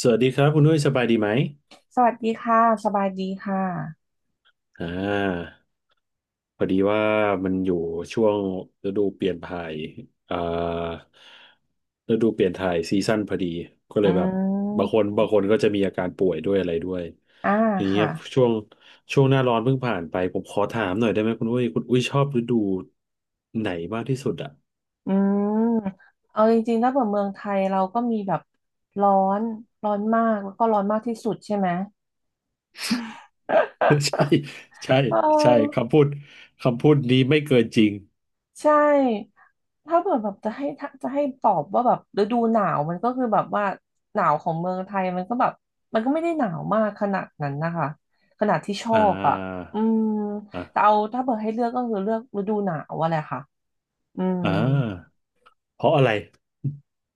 สวัสดีครับคุณนุ้ยสบายดีไหมสวัสดีค่ะสบายดีค่ะอ่าพอดีว่ามันอยู่ช่วงฤดูเปลี่ยนถ่ายอ่าฤดูเปลี่ยนถ่ายซีซั่นพอดีก็เลอืยแบบบางคนมก็จะมีอาการป่วยด้วยอะไรด้วยอ่าอย่างเงี้ค่ะยช่วงช่วงหน้าร้อนเพิ่งผ่านไปผมขอถามหน่อยได้ไหมคุณอุ้ยชอบฤดูไหนมากที่สุดอ่ะ อืมเอาจริงๆถ้าเปิดเมืองไทยเราก็มีแบบร้อนร้อนมากแล้วก็ร้อนมากที่สุดใช่ไหม ใช่ใช่ เอใช่อคำพูดนี้ไม่เกินจริงใช่ถ้าเปิดแบบจะให้ถ้าจะให้ตอบว่าแบบฤดูหนาวมันก็คือแบบว่าหนาวของเมืองไทยมันก็แบบมันก็ไม่ได้หนาวมากขนาดนั้นนะคะขนาดที่ชออ่าบอ่ะอืมแต่เอาอ่าถ้าเปิดให้เลือกก็คือเลือกฤดูหนาวอะแหละค่ะอืม อ่า เพราะอะไร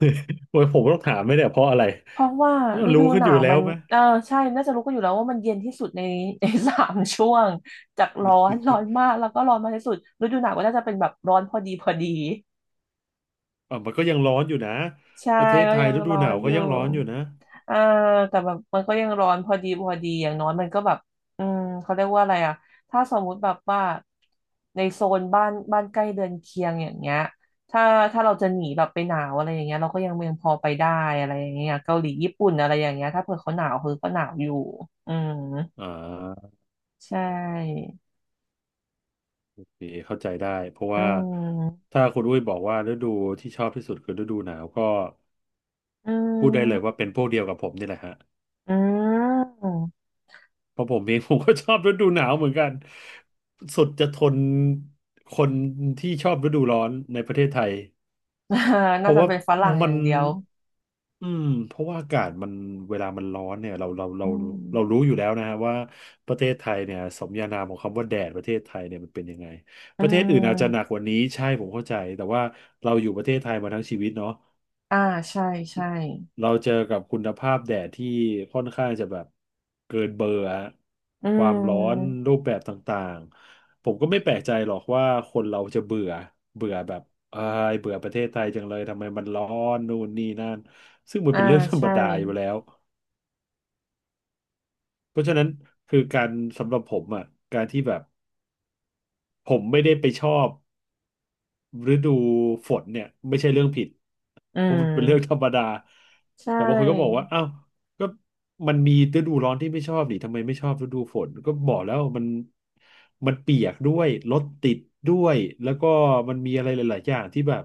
โอ้ยผมต้องถามไหมเนี่ยเพราะอะไรเพราะว่าฤดูรู้กัหนอนายู่วแล้มัวนไหม เออใช่น่าจะรู้กันอยู่แล้วว่ามันเย็นที่สุดใน สามช่วงจากร้อนร้อนมาก แล้วก็ร้อนมากที่สุดฤดูหนาวก็น่าจะเป็นแบบร้อนพอดีพอดี อ่ะมันก็ยังร้อนอยู่นะ ใช่ประเทศก็ไทยยังฤดูร้อหนานวก็อยู่ยังร้อนอยู่นะอ่าแต่แบบมันก็ยังร้อนพอดีพอดีอย่างน้อยมันก็แบบอืมเขาเรียกว่าอะไรอ่ะถ้าสมมุติแบบว่าในโซนบ้านบ้านใกล้เรือนเคียงอย่างเงี้ยถ้าถ้าเราจะหนีแบบไปหนาวอะไรอย่างเงี้ยเราก็ยังพอไปได้อะไรอย่างเงี้ยเกาหลีญี่ปุ่นอะไรอย่างเงี้ยถ้าเผื่อเขาหนาวคือก็หนาวอยู่อืมอ่าใช่นี่เข้าใจได้ เพราะอืว่ามถ้าคุณอุ้ยบอกว่าฤดูที่ชอบที่สุดคือฤดูหนาวก็อืพูดได้เลยมว่าเป็นพวกเดียวกับผมนี่แหละฮะอืม เพราะผมเอง ผมก็ชอบฤดูหนาวเหมือนกันสุดจะทนคนที่ชอบฤดูร้อนในประเทศไทย เพน่าราะจะว่าเป็นฝรั่งอมันย่างเดียวเพราะว่าอากาศมันเวลามันร้อนเนี่ยเราเราเราอืเรารู้มอยู่แล้วนะฮะว่าประเทศไทยเนี่ยสมญานามของคำว่าแดดประเทศไทยเนี่ยมันเป็นยังไงอืประเทศอื่นอาจจะหนักม กว่านี้ใช่ผมเข้าใจแต่ว่าเราอยู่ประเทศไทยมาทั้งชีวิตเนาะ อ่าใช่ใช่ เราเจอกับคุณภาพแดดที่ค่อนข้างจะแบบเกินเบอร์ฮะอืความร้อนม รูปแบบต่างๆผมก็ไม่แปลกใจหรอกว่าคนเราจะเบื่อเบื่อแบบเอ้ยเบื่อประเทศไทยจังเลยทำไมมันร้อนนู่นนี่นั่นซึ่งมันอ่าเป็นเรื่องธรรมใช่ ดาอยู่แล้วเพราะฉะนั้นคือการสำหรับผมอ่ะการที่แบบผมไม่ได้ไปชอบ ฤดูฝนเนี่ยไม่ใช่เรื่องผิดอืเพราะมันเป็นเรื่องธรมรมดาใชแต่บางคนก็บอก่ว่าอ้าวก็มันมีฤดูร้อนที่ไม่ชอบดิทำไมไม่ชอบฤดูฝนก็บอกแล้วมันเปียกด้วยรถติดด้วยแล้วก็มันมีอะไรหลายๆอย่างที่แบบ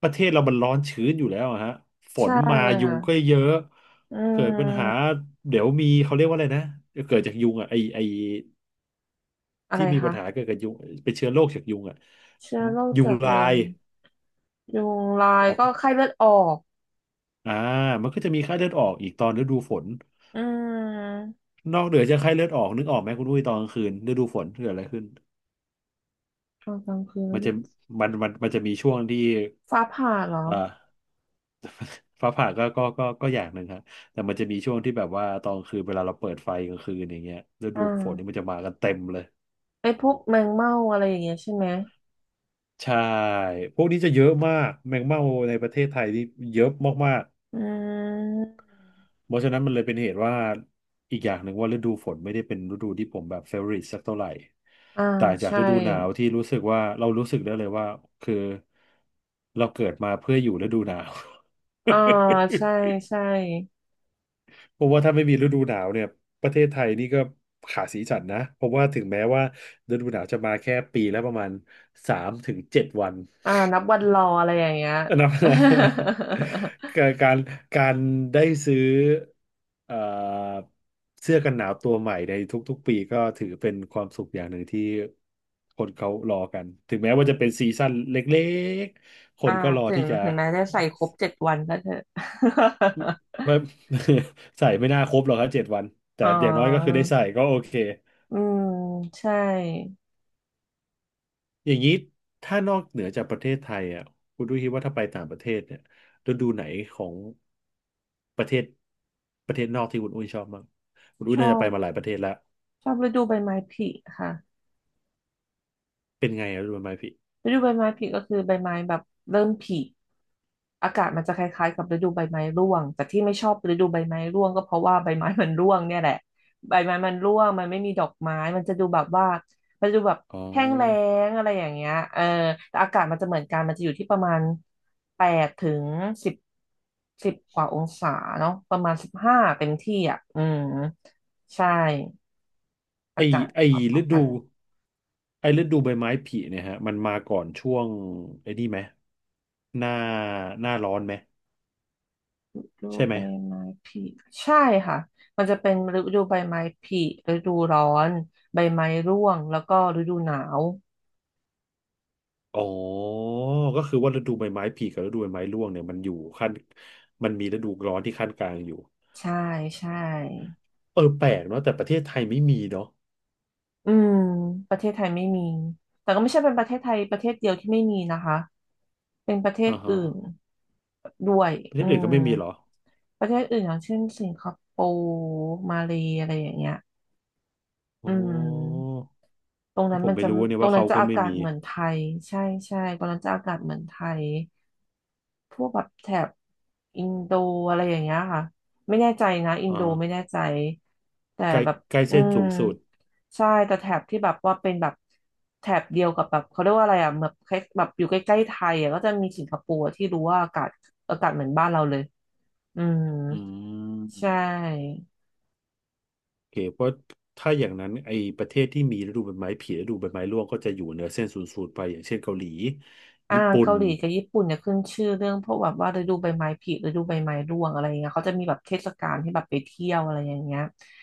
ประเทศเรามันร้อนชื้นอยู่แล้วอะฮะฝใช่นมายุค่ะงก็เยอะอืเกิดปัญหามเดี๋ยวมีเขาเรียกว่าอะไรนะเกิดจากยุงอ่ะไออะที่ไรมีปัคะญหาเกิดกับยุงเป็นเชื้อโรคจากยุงอ่ะเชื้อโรคยุงจากลายุย งยุงลายก็ไข้เลือดออก อ่ามันก็จะมีไข้เลือดออกอีกตอนฤดูฝนอืมนอกเหนือจากไข้เลือดออกนึกออกไหมคุณอุ้ยตอนกลางคืนฤดูฝนเกิดอะไรขึ้นตอนกลางคืนไม่มันจะรู้มันจะมีช่วงที่ฟ้าผ่าเหรอเอ่อ ฟ้าผ่าก็อย่างหนึ่งครับแต่มันจะมีช่วงที่แบบว่าตอนกลางคืนเวลาเราเปิดไฟกลางคืนอย่างเงี้ยฤอ่ดูฝนนี่มัานจะมากันเต็มเลยไอ้พวกแมงเม่าอะไรอย่างเงี้ยใช่ไหมใช่พวกนี้จะเยอะมากแมงเม่าในประเทศไทยนี่เยอะมาก อืมเพราะฉะนั้นมันเลยเป็นเหตุว่าอีกอย่างหนึ่งว่าฤดูฝนไม่ได้เป็นฤดูที่ผมแบบเฟ v o r ริ e สักเท่าไหร่อ่าต่างจากใช่ฤดูหนาวที่รู้สึกว่าเรารู้สึกได้เลยว่าคือเราเกิดมาเพื่ออยู่ฤดูหนาว อ่าใช่ใช่เพราะว่าถ้าไม่มีฤดูหนาวเนี่ยประเทศไทยนี่ก็ขาดสีสันนะเพราะว่าถึงแม้ว่าฤดูหนาวจะมาแค่ปีละประมาณสามถึงเจ็ดวัน อ่านับวันรออะไรอย่างเงี้ย อันนั้น การการการได้ซื้อเอ่อเสื้อกันหนาวตัวใหม่ในทุกๆปีก็ถือเป็นความสุขอย่างหนึ่งที่คนเขารอกันถึงแม้ว่าจะเป็น ซีซั่นเล็กๆคอ่านก็รอถึที่งจะ แม้จะใส่ครบเจ็ดวันก็เถอะ ว่า ใส่ไม่น่าครบหรอกครับเจ็ดวันแต่อ๋ออย่างน้อยก็คือได้ใส่ก็โอเค อืมใช่อย่างนี้ถ้านอกเหนือจากประเทศไทยอ่ะคุณดูคิดว่าถ้าไปต่างประเทศเนี่ยฤดูไหนของประเทศประเทศนอกที่คุณอุ้ยชอบมั้างคุณอุ้ชยอน่าจะไปบมาหลายประเทศแล้วชอบฤดูใบไม้ผลิค่ะ เป็นไงอะฤดูใบไม้ผลิฤดูใบไม้ผลิก็คือใบไม้แบบเริ่มผลิอากาศมันจะคล้ายๆกับฤดูใบไม้ร่วงแต่ที่ไม่ชอบฤดูใบไม้ร่วงก็เพราะว่าใบไม้มันร่วงเนี่ยแหละใบไม้มันร่วงมันไม่มีดอกไม้มันจะดูแบบว่ามันจะดูแบบอ๋อแห้งแล้งอะไรอย่างเงี้ยเออแต่อากาศมันจะเหมือนกันมันจะอยู่ที่ประมาณแปดถึงสิบสิบกว่าองศาเนาะประมาณสิบห้าเต็มที่อ่ะอืมใช่ไออากาศไอพอฤๆกัน ดูไอฤดูใบไม้ผลิเนี่ยฮะมันมาก่อนช่วงไอ้นี่ไหมหน้าหน้าร้อนไหมฤดูใช่ไหมใบไม้ผลิใช่ค่ะมันจะเป็นฤดูใบไม้ผลิฤดูร้อนใบไม้ร่วงแล้วก็ฤดูหนาวอ๋อก็คือว่าฤดูใบไม้ผลิกับฤดูใบไม้ร่วงเนี่ยมันอยู่ขั้นมันมีฤดูร้อนที่ขั้นกลางอยู่ ใช่ใช่ เออแปลกเนาะแต่ประเทศไทยไม่มีเนาะอืมประเทศไทยไม่มีแต่ก็ไม่ใช่เป็นประเทศไทยประเทศเดียวที่ไม่มีนะคะเป็นประเทศอ่าฮะอื่นด้วยประเทอืศอื่นก็มไม่มีเหรอประเทศอื่นอย่างเช่นสิงคโปร์มาเลย์อะไรอย่างเงี้ยอ๋อือมตรงนั้นผมัมนไม่จะรู้เนี่ยตรงว่านั้เขานจะก็อาไม่กาศมีเหมือนไทยใช่ใช่ตรงนั้นจะอากาศเหมือนไทย พวกแบบแถบอินโดอะไรอย่างเงี้ยค่ะไม่แน่ใจนะอินอ่าโดไม่แน่ใจแต่ใกล้แบบใกล้อืเส้นมสูงสุดใช่แต่แถบที่แบบว่าเป็นแบบแถบเดียวกับแบบเขาเรียกว่าอะไรอ่ะแบบคล้ายแบบอยู่ใกล้ๆไทยอ่ะก็จะมีสิงคโปร์ที่รู้ว่าอากาศอากาศเหมือนบ้านเราเลยอืมอืใชม่ โอเคเพราะถ้าอย่างนั้นไอ้ประเทศที่มีฤดูใบไม้ผลิฤดูใบไม้ร่วงก็จะอยู่เหนือเส้นศูนย์สูตรไปอย่างเช่นเกาหลีอ่าญี่ปุ่นเกาหลีกับญี่ปุ่นเนี่ยขึ้นชื่อเรื่องพวกแบบว่าฤดูใบไม้ผลิฤดูใบไม้ร่วงอะไรอย่างเงี้ยเขาจะมีแบบเทศกาลที่แบบไปเที่ยวอะไรอย่างเงี้ย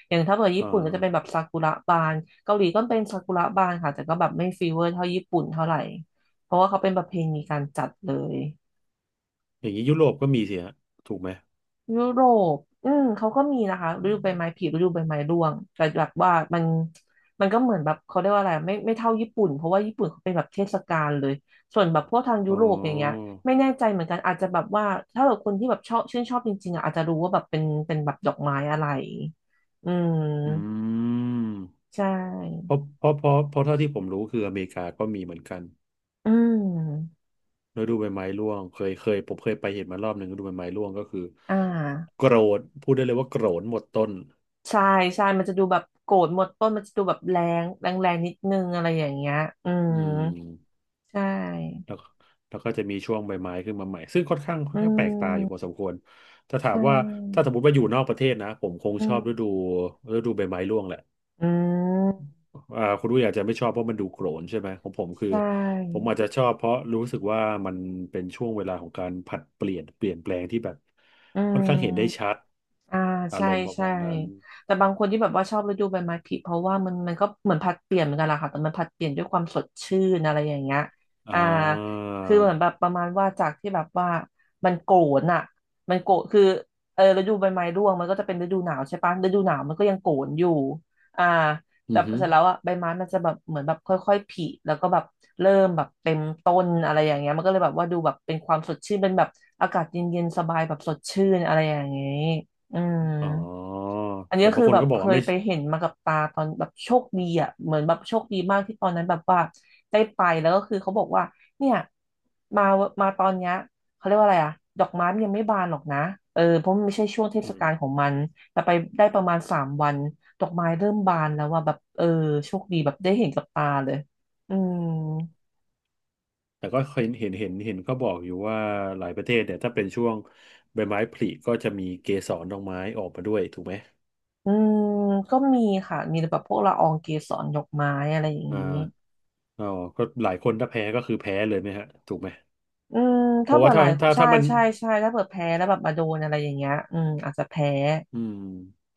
อย่างถ้าเกิดอ่ญี่ปุ่นก็จะเป็นแบบาซากุระบานเกาหลีก็เป็นซากุระบานค่ะแต่ก็แบบไม่ฟีเวอร์เท่าญี่ปุ่นเท่าไหร่เพราะว่าเขาเป็นประเพณีการจัดเลย อย่างนี้ยุโรปก็มีสิฮะถูกไหมยุโรปอืมเขาก็มีนะคะฤดูใบไม้ผลิฤดูใบไม้ร่วง แต่แบบว่ามันก็เหมือนแบบเขาเรียกว่าอะไรไม่เท่าญี่ปุ่นเพราะว่าญี่ปุ่นเขาเป็นแบบเทศกาลเลยส่วนแบบพวกทางยุอ๋โรปอย่างเงี้ย อไม่แน่ใจเหมือนกันอาจจะแบบว่าถ้าแบบคนที่แบบชอบชื่นชอบจริงๆอ่ะอาจจะรู้ว่าแบบเป็นแบบดอกไม้อะไรอือืมมใช่เพราะเพราะเพราะเพราะเท่าที่ผมรู้คืออเมริกาก็มีเหมือนกัน อืมฤดูใบไม้ร่วง เคยเคยผมเคยไปเห็นมารอบหนึ่งฤดูใบไม้ร่วงก็คืออ่โการนพูดได้เลยว่าโกรนหมดต้นใช่ใช่มันจะดูแบบโกรธหมดต้นมันจะดูแบบแรงแรงแรงนิดนึงอะไรอย่างเงี้ยอือืมมใช่แล้วแล้วก็จะมีช่วงใบไม้ขึ้นมาใหม่ ซึ่งค่อนข้างค่ออืนข้างแปลกตาอยู่พอม สมควรถ้าถามใช่ว่า ถ้าสมมติว่าอยู่นอกประเทศนะ ผมคงอืชมอบฤดูใบไม้ร่วงแหละอืมคุณรู้อยาจจะไม่ชอบเพราะมันดูโกรนใช่ไหมของผมคือใช่ผมอาจจะชอบเพราะรู้สึกว่ามันเป็นช่วงเวลาของการผลัดเปลี่ยนเปลี่ยนแปลงที่แบบอืค่ม อนข้างเห็นได้ชัดอ่าอาใช่รมณ์ประใช่มาณนั้น แต่บางคนที่แบบว่าชอบฤดูใบไม้ผลิเพราะว่ามันก็เหมือนผลัดเปลี่ยนเหมือนกันแหละค่ะแต่มันผลัดเปลี่ยนด้วยความสดชื่นอะไรอย่างเงี้ยอ่อ่าาคือเหมือนแบบประมาณว่าจากที่แบบว่ามันโกรนอ่ะมันโกรนคือเออฤดูใบไม้ร่วงมันก็จะเป็นฤดูหนาวใช่ปะฤดูหนาวมันก็ยังโกรนอยู่อ่าแต่อือฮึเสร็จแล้วอ่ะใบไม้มันจะแบบเหมือนแบบค่อยๆผลิแล้วก็แบบเริ่มแบบเต็มต้นอะไรอย่างเงี้ยมันก็เลยแบบว่าดูแบบเป็นความสดชื่นเป็นแบบอากาศเย็นๆสบายแบบสดชื่นอะไรอย่างเงี้ย อืมอ๋ออันนี้แต่ก็บางคือคนแบบก็บอเคกว่ายไม่ไปเห็นมากับตาตอนแบบโชคดีอ่ะเหมือนแบบโชคดีมากที่ตอนนั้นแบบว่าได้ไปแล้วก็คือเขาบอกว่าเนี่ยมามาตอนเนี้ยเขาเรียกว่าอะไรอ่ะดอกไม้มันยังไม่บานหรอกนะเออเพราะมันไม่ใช่ช่วงเทศอืมกาลของมันแต่ไปได้ประมาณ3 วันดอกไม้เริ่มบานแล้วว่าแบบเออโชคดีแบบได้เห็นกับตาเลยอืมแต่ก็เห็นก็บอกอยู่ว่าหลายประเทศเนี่ยถ้าเป็นช่วงใบไม้ผลิก็จะมีเกสรดอกไม้ออกมาด้วยถูกไหม อืมก็มีค่ะมีแบบพวกละอองเกสรดอกไม้อะไรอย่างอนี้ ่าอ๋อก็หลายคนถ้าแพ้ก็คือแพ้เลยไหมฮะถูกไหม อืมเพถ้าราะเผื่ว่าอหถ้าลายถ้าใช่ถ้ามันใช่ใช่ถ้าเผื่อแพ้แล้วแบบมาโดนอะไรอย่างเงี้ยอืมอาจจะแพ้ อืม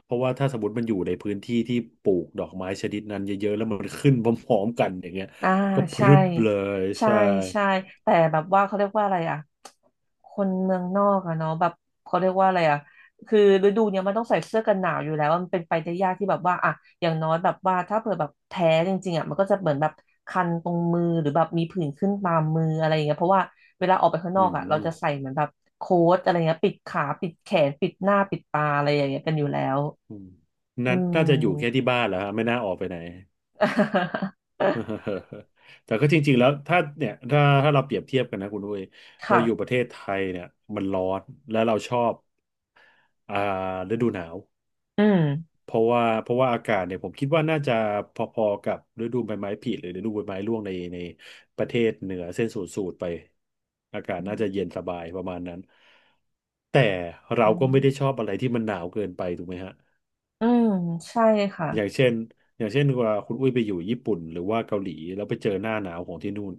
เพราะว่าถ้าสมมติมันอยู่ในพื้นที่ที่ปลูกดอกไม้ชนิดนั้นเยอะๆแล้วมันขึ้นพร้อมๆกันอย่างเงี้ยอ่าก็พใช่รึบเลยใช่ใช่ใช่แต่แบบว่าเขาเรียกว่าอะไรอ่ะคนเมืองนอกอะเนาะแบบเขาเรียกว่าอะไรอ่ะคือฤดูเนี้ยมันต้องใส่เสื้อกันหนาวอยู่แล้วมันเป็นไปได้ยากที่แบบว่าอ่ะอย่างน้อยแบบว่าถ้าเผื่อแบบแพ้จริงๆอ่ะมันก็จะเหมือนแบบคันตรงมือหรือแบบมีผื่นขึ้นตามมืออะไรอย่างเงี้ยเพราะว่าเวลาออกไปข้างนอือกอ่ะเราม จะใส่เหมือนแบบโค้ทอะไรเงี้ยปิดขาปิดแขนปิดหน้าปิดตาอะไรอย่างเงี้ยกันอยู่แล้วอืมอืนั่นน่าจะอยู่แค่ที่ม บ้านแหล้วฮะไม่น่าออกไปไหน แต่ก็จริงๆแล้วถ้าเนี่ยถ้าเราเปรียบเทียบกันนะคุณด้วยเราค่ะอยู่ประเทศไทยเนี่ยมันร้อนและเราชอบอ่าฤดูหนาวอืมเพราะว่าอากาศเนี่ยผมคิดว่าน่าจะพอๆกับฤดูใบไม้ผลิหรือฤดูใบไม้ร่วงในประเทศเหนือเส้นศูนย์สูตรไปอากาศน่าจะเย็นสบายประมาณนั้นแต่อืเราก็ไม่ได้ชม อบอะไรที่มันหนาวเกินไปถูกไหมฮะ อืมใช่ค่ะอย่างเช่นอย่างเช่นว่าคุณอุ้ยไปอยู่ญี่ปุ่นหรือว่าเกาหลีแล้วไปเจอหน้าหนาวของที่นู่น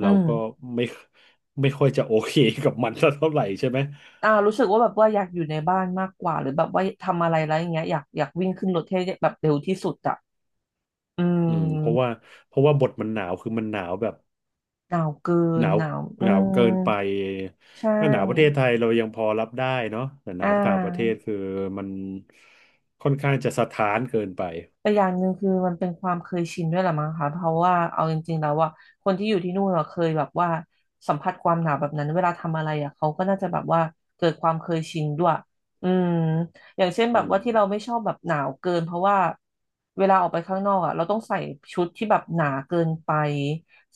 อืเรามก็ไม่ไม่ค่อยจะโอเคกับมันสักเท่าไหร่ใช่ไหมรู้สึกว่าแบบว่าอยากอยู่ในบ้านมากกว่าหรือแบบว่าทำอะไรแล้วอย่างเงี้ยอยากวิ่งขึ้นรถให้แบบเร็วที่สุดอะอือืมเพราะว่ามเพราะว่าบทมันหนาวคือมันหนาวแบบหนาวเกิหนนาวหนาวอืหนาวเกิมนไปใชถ้าหนาวประเทศ่ไทยเรายังพอรับได้เนาะแต่หอ่นาวต่างประเทา ศคือมันค่อนข้างจะสถานเกินไปแต่อย่างหนึ่งคือมันเป็นความเคยชินด้วยแหละมั้งคะเพราะว่าเอาจริงๆแล้วว่าคนที่อยู่ที่นู่นเราเคยแบบว่าสัมผัสความหนาวแบบนั้นเวลาทำอะไรอ่ะเขาก็น่าจะแบบว่าเกิดความเคยชินด้วยอืมอย่างเช่นแบอืบว่ามที่เราไม่ชอบแบบหนาวเกินเพราะว่าเวลาออกไปข้างนอกอ่ะเราต้องใส่ชุดที่แบบหนาเกินไป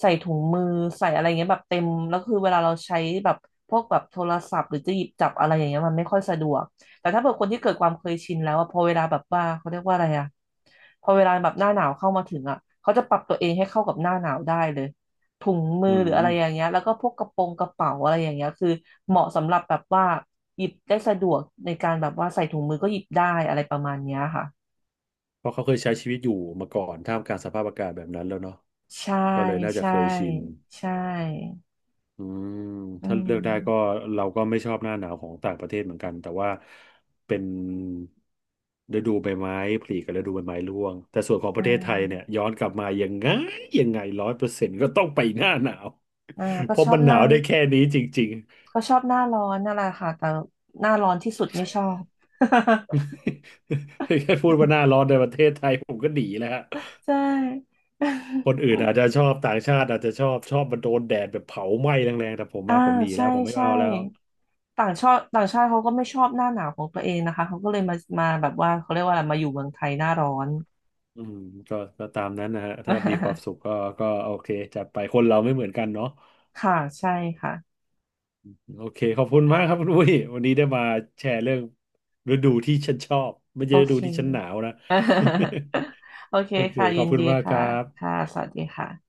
ใส่ถุงมือใส่อะไรเงี้ยแบบเต็มแล้วคือเวลาเราใช้แบบพวกแบบโทรศัพท์หรือจะหยิบจับอะไรอย่างเงี้ยมันไม่ค่อยสะดวก แต่ถ้าเกิดคนที่เกิดความเคยชินแล้วอะพอเวลาแบบว่าเขาเรียกว่าอะไรอะพอเวลาแบบหน้าหนาวเข้ามาถึงอะเขาจะปรับตัวเองให้เข้ากับหน้าหนาวได้เลยถุงมือือหรืออะไรอย่างมเงี้ยแล้วก็พวกกระโปรงกระเป๋าอะไรอย่างเงี้ยคือเหมาะสำหรับแบบว่าหยิบได้สะดวกในการแบบว่าใส่ถุงมือก็หยิบได้อะไรประมาณเนี้ยค่ะเพราะเขาเคยใช้ชีวิตอยู่มาก่อนท่ามกลางสภาพอากาศแบบนั้นแล้วเนาะใช่ก็เลยน่าจะใช่เคยชิน ใช่อืมอืถ้าเลือกได้ก็มเราก็ไม่ชอบหน้าหนาวของต่างประเทศเหมือนกันแต่ว่าเป็นฤดูใบไม้ผลิกับฤดูใบไม้ร่วงแต่ส่วนของปใช่ระเทศไทยเนี่ยย้อนกลับมายังไง100%ก็ต้องไปหน้าหนาวอ่าก็เพชราะอมับนหหนาน้าวได้แค่นี้จริงก็ชอบหน้าร้อนนั่นแหละค่ะแต่หน้าร้อนที่สุดไม่ชอบ ๆ แค่พูดว่าหน้าร้อนในประเทศไทยผมก็หนีแล้วฮะใช่ คนอื่นอาจจะชอบต่างชาติอาจจะชอบมันโดนแดดแบบเผาไหม้แรงๆแต่ผมอ่า อะผมหนีใช่ แล้วผมไม่ใช่ เอาแล้ว ต่างชาติต่างชาติเขาก็ไม่ชอบหน้าหนาวของตัวเองนะคะ เขาก็เลยมาแบบว่าเขาเรียกว่าอะไรมาอยู่เมืองไทยหน้าร้อน อืมก็ตามนั้นนะฮะถ้ามีความสุข ก็ก็โอเคจัดไปคนเราไม่เหมือนกันเนาะค่ะ ใช่ค่ะ โอเคขอบคุณมากครับคุณอุ้ยวันนี้ได้มาแชร์เรื่องฤดูที่ฉันชอบไม่โอใช่ฤดูเค ที่ฉันหนาวนะ โอเค โอเคค่ะ ขยิอบนคุดีณมากคค่ะ รับค่ะ สวัสดีค่ะ